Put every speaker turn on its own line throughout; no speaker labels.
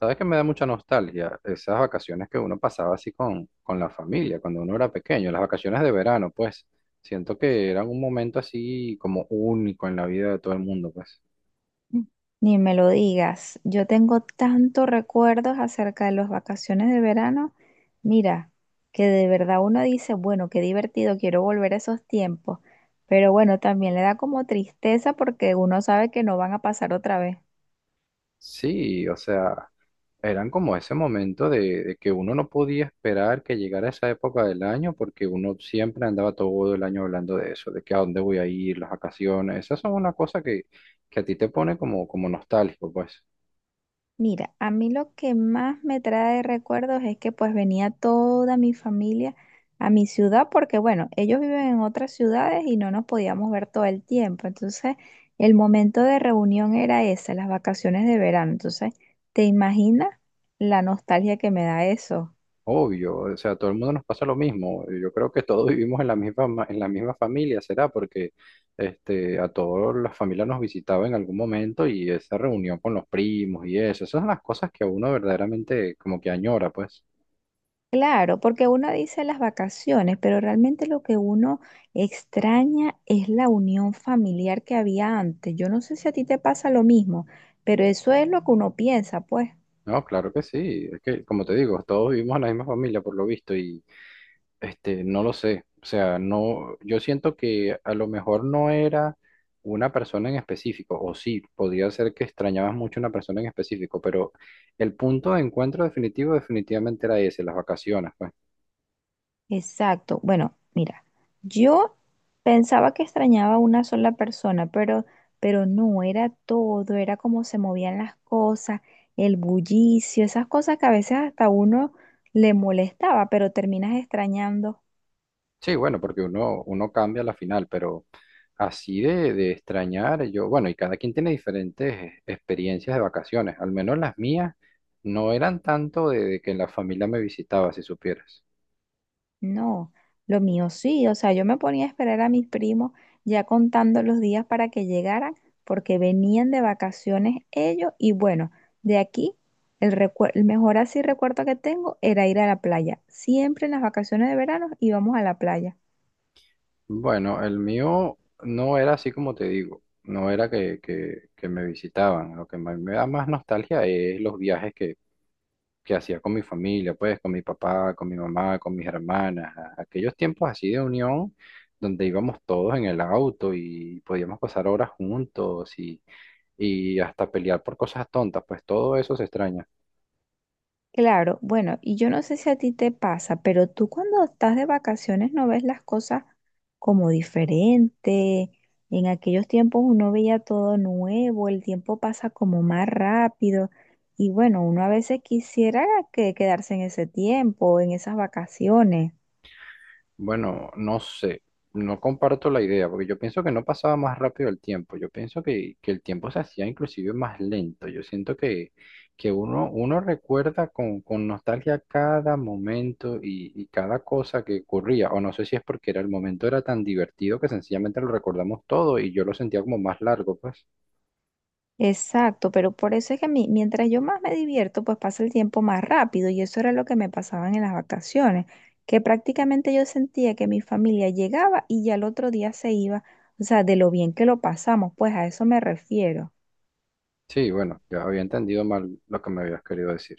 Sabes que me da mucha nostalgia esas vacaciones que uno pasaba así con la familia, cuando uno era pequeño, las vacaciones de verano, pues siento que eran un momento así como único en la vida de todo el mundo, pues.
Ni me lo digas. Yo tengo tantos recuerdos acerca de las vacaciones de verano. Mira, que de verdad uno dice, bueno, qué divertido, quiero volver a esos tiempos. Pero bueno, también le da como tristeza porque uno sabe que no van a pasar otra vez.
Sí, o sea, eran como ese momento de que uno no podía esperar que llegara esa época del año porque uno siempre andaba todo el año hablando de eso, de que a dónde voy a ir, las vacaciones, esas son una cosa que a ti te pone como nostálgico, pues.
Mira, a mí lo que más me trae recuerdos es que pues venía toda mi familia a mi ciudad porque bueno, ellos viven en otras ciudades y no nos podíamos ver todo el tiempo. Entonces, el momento de reunión era ese, las vacaciones de verano. Entonces, ¿te imaginas la nostalgia que me da eso?
Obvio, o sea, a todo el mundo nos pasa lo mismo. Yo creo que todos vivimos en la misma familia, será porque este, a todas las familias nos visitaba en algún momento y esa reunión con los primos y eso, esas son las cosas que a uno verdaderamente como que añora, pues.
Claro, porque uno dice las vacaciones, pero realmente lo que uno extraña es la unión familiar que había antes. Yo no sé si a ti te pasa lo mismo, pero eso es lo que uno piensa, pues.
No, claro que sí. Es que, como te digo, todos vivimos en la misma familia por lo visto. Este, no lo sé. O sea, no, yo siento que a lo mejor no era una persona en específico, o sí, podría ser que extrañabas mucho una persona en específico, pero el punto de encuentro definitivo definitivamente era ese, las vacaciones, pues.
Exacto. Bueno, mira, yo pensaba que extrañaba a una sola persona, pero no, era todo, era cómo se movían las cosas, el bullicio, esas cosas que a veces hasta uno le molestaba, pero terminas extrañando.
Sí, bueno, porque uno cambia la final, pero así de extrañar, yo, bueno, y cada quien tiene diferentes experiencias de vacaciones, al menos las mías no eran tanto de que la familia me visitaba, si supieras.
No, lo mío sí, o sea, yo me ponía a esperar a mis primos ya contando los días para que llegaran, porque venían de vacaciones ellos y bueno, de aquí el mejor así recuerdo que tengo era ir a la playa. Siempre en las vacaciones de verano íbamos a la playa.
Bueno, el mío no era así como te digo, no era que me visitaban, lo que me da más nostalgia es los viajes que hacía con mi familia, pues con mi papá, con mi mamá, con mis hermanas, aquellos tiempos así de unión donde íbamos todos en el auto y podíamos pasar horas juntos y hasta pelear por cosas tontas, pues todo eso se extraña.
Claro, bueno, y yo no sé si a ti te pasa, pero tú cuando estás de vacaciones no ves las cosas como diferente. En aquellos tiempos uno veía todo nuevo, el tiempo pasa como más rápido y bueno, uno a veces quisiera que quedarse en ese tiempo, en esas vacaciones.
Bueno, no sé, no comparto la idea, porque yo pienso que no pasaba más rápido el tiempo, yo pienso que el tiempo se hacía inclusive más lento, yo siento que uno recuerda con nostalgia cada momento y cada cosa que ocurría, o no sé si es porque era el momento era tan divertido que sencillamente lo recordamos todo y yo lo sentía como más largo, pues.
Exacto, pero por eso es que mientras yo más me divierto, pues pasa el tiempo más rápido y eso era lo que me pasaba en las vacaciones, que prácticamente yo sentía que mi familia llegaba y ya el otro día se iba, o sea, de lo bien que lo pasamos, pues a eso me refiero.
Sí, bueno, yo había entendido mal lo que me habías querido decir.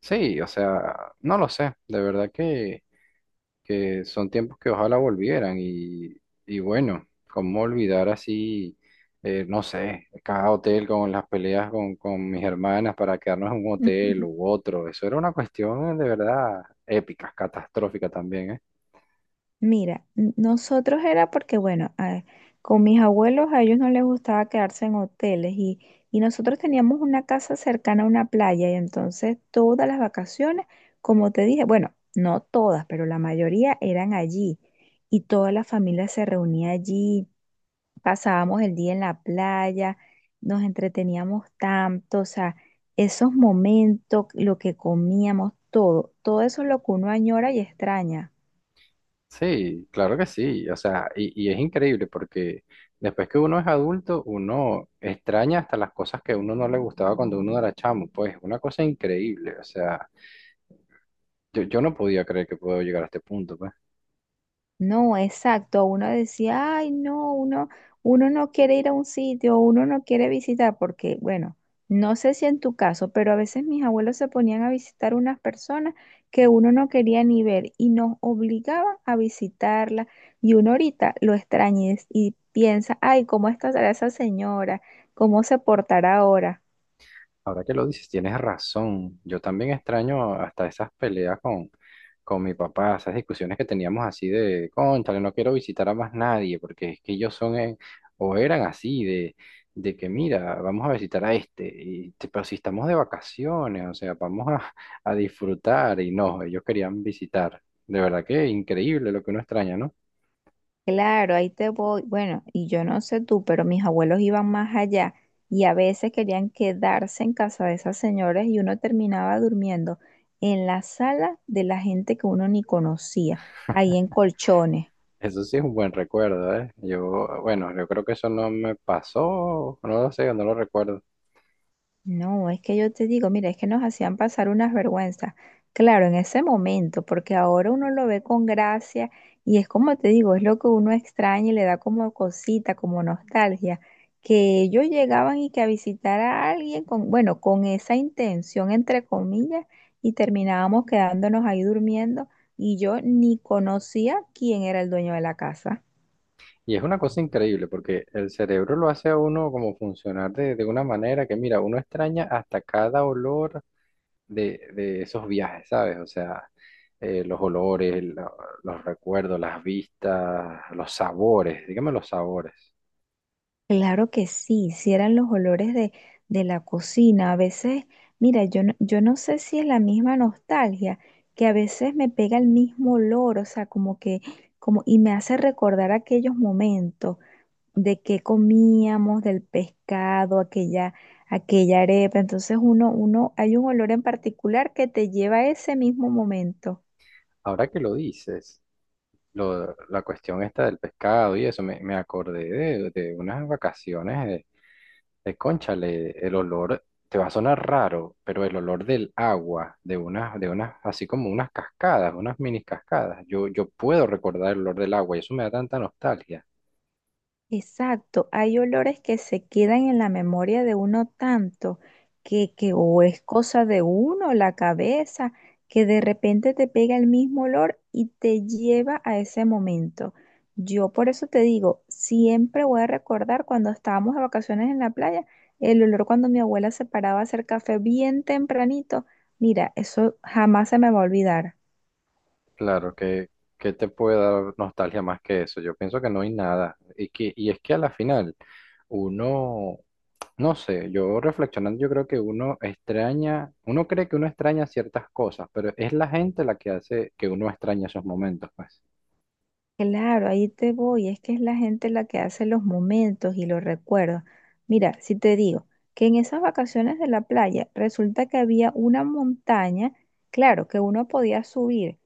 Sí, o sea, no lo sé, de verdad que son tiempos que ojalá volvieran y bueno, cómo olvidar así, no sé, cada hotel con las peleas con mis hermanas para quedarnos en un hotel u otro, eso era una cuestión de verdad épica, catastrófica también, ¿eh?
Mira, nosotros era porque, bueno, con mis abuelos a ellos no les gustaba quedarse en hoteles y nosotros teníamos una casa cercana a una playa y entonces todas las vacaciones, como te dije, bueno, no todas, pero la mayoría eran allí y toda la familia se reunía allí, pasábamos el día en la playa, nos entreteníamos tanto, o sea, esos momentos, lo que comíamos, todo, todo eso es lo que uno añora y extraña.
Sí, claro que sí, o sea, y es increíble porque después que uno es adulto, uno extraña hasta las cosas que a uno no le gustaba cuando uno era chamo, pues una cosa increíble, o sea, yo no podía creer que puedo llegar a este punto, pues.
No, exacto. Uno decía, ay, no, uno no quiere ir a un sitio, uno no quiere visitar, porque, bueno, no sé si en tu caso, pero a veces mis abuelos se ponían a visitar unas personas que uno no quería ni ver y nos obligaban a visitarla. Y uno ahorita lo extraña y piensa, ay, ¿cómo estará esa señora? ¿Cómo se portará ahora?
Ahora que lo dices, tienes razón. Yo también extraño hasta esas peleas con mi papá, esas discusiones que teníamos así de, cónchale, no quiero visitar a más nadie, porque es que ellos son o eran así, de que mira, vamos a visitar a este, y, pero si estamos de vacaciones, o sea, vamos a, a disfrutar, y no, ellos querían visitar. De verdad que increíble lo que uno extraña, ¿no?
Claro, ahí te voy. Bueno, y yo no sé tú, pero mis abuelos iban más allá y a veces querían quedarse en casa de esas señoras y uno terminaba durmiendo en la sala de la gente que uno ni conocía, ahí en colchones.
Eso sí es un buen recuerdo, ¿eh? Yo, bueno, yo creo que eso no me pasó, no lo sé, no lo recuerdo.
No, es que yo te digo, mira, es que nos hacían pasar unas vergüenzas. Claro, en ese momento, porque ahora uno lo ve con gracia y es como te digo, es lo que uno extraña y le da como cosita, como nostalgia, que ellos llegaban y que a visitar a alguien con, bueno, con esa intención, entre comillas, y terminábamos quedándonos ahí durmiendo y yo ni conocía quién era el dueño de la casa.
Y es una cosa increíble porque el cerebro lo hace a uno como funcionar de una manera que, mira, uno extraña hasta cada olor de esos viajes, ¿sabes? O sea, los olores, los recuerdos, las vistas, los sabores, dígame los sabores.
Claro que sí, si eran los olores de la cocina. A veces, mira, yo no sé si es la misma nostalgia, que a veces me pega el mismo olor, o sea, como que, como, y me hace recordar aquellos momentos de que comíamos, del pescado, aquella, aquella arepa. Entonces uno, hay un olor en particular que te lleva a ese mismo momento.
Ahora que lo dices, la cuestión esta del pescado y eso, me acordé de unas vacaciones de cónchale, el olor, te va a sonar raro, pero el olor del agua, de unas así como unas cascadas, unas mini cascadas. Yo puedo recordar el olor del agua y eso me da tanta nostalgia.
Exacto, hay olores que se quedan en la memoria de uno tanto que o es cosa de uno, la cabeza, que de repente te pega el mismo olor y te lleva a ese momento. Yo por eso te digo, siempre voy a recordar cuando estábamos de vacaciones en la playa, el olor cuando mi abuela se paraba a hacer café bien tempranito. Mira, eso jamás se me va a olvidar.
Claro que te puede dar nostalgia más que eso. Yo pienso que no hay nada. Y que, y es que a la final, uno, no sé, yo reflexionando, yo creo que uno extraña, uno cree que uno extraña ciertas cosas, pero es la gente la que hace que uno extraña esos momentos, pues.
Claro, ahí te voy. Es que es la gente la que hace los momentos y los recuerdos. Mira, si te digo que en esas vacaciones de la playa resulta que había una montaña, claro, que uno podía subir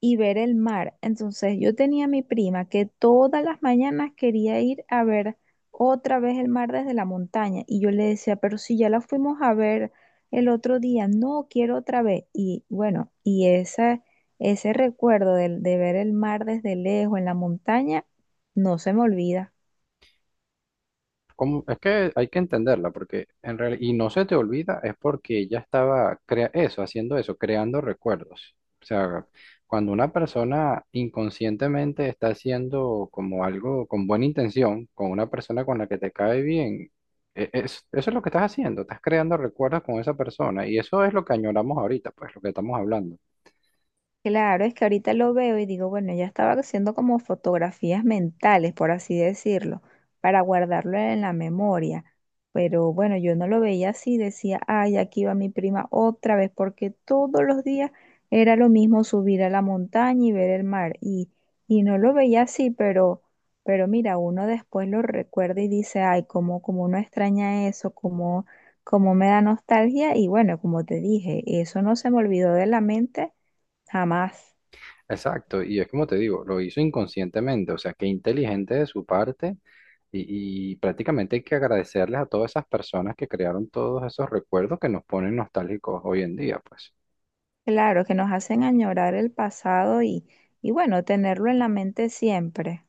y ver el mar. Entonces yo tenía a mi prima que todas las mañanas quería ir a ver otra vez el mar desde la montaña. Y yo le decía, pero si ya la fuimos a ver el otro día, no quiero otra vez. Y bueno, y esa ese recuerdo de ver el mar desde lejos en la montaña no se me olvida.
Es que hay que entenderla, porque en realidad, y no se te olvida, es porque ella estaba crea eso, haciendo eso, creando recuerdos. O sea, cuando una persona inconscientemente está haciendo como algo con buena intención, con una persona con la que te cae bien, eso es lo que estás haciendo, estás creando recuerdos con esa persona, y eso es lo que añoramos ahorita, pues lo que estamos hablando.
Claro, es que ahorita lo veo y digo, bueno, ella estaba haciendo como fotografías mentales, por así decirlo, para guardarlo en la memoria. Pero bueno, yo no lo veía así, decía, ay, aquí va mi prima otra vez, porque todos los días era lo mismo subir a la montaña y ver el mar. Y no lo veía así, pero mira, uno después lo recuerda y dice, ay, cómo, cómo uno extraña eso, cómo, cómo me da nostalgia. Y bueno, como te dije, eso no se me olvidó de la mente jamás.
Exacto, y es como te digo, lo hizo inconscientemente, o sea, qué inteligente de su parte y prácticamente hay que agradecerles a todas esas personas que crearon todos esos recuerdos que nos ponen nostálgicos hoy en día, pues.
Claro, que nos hacen añorar el pasado y bueno, tenerlo en la mente siempre.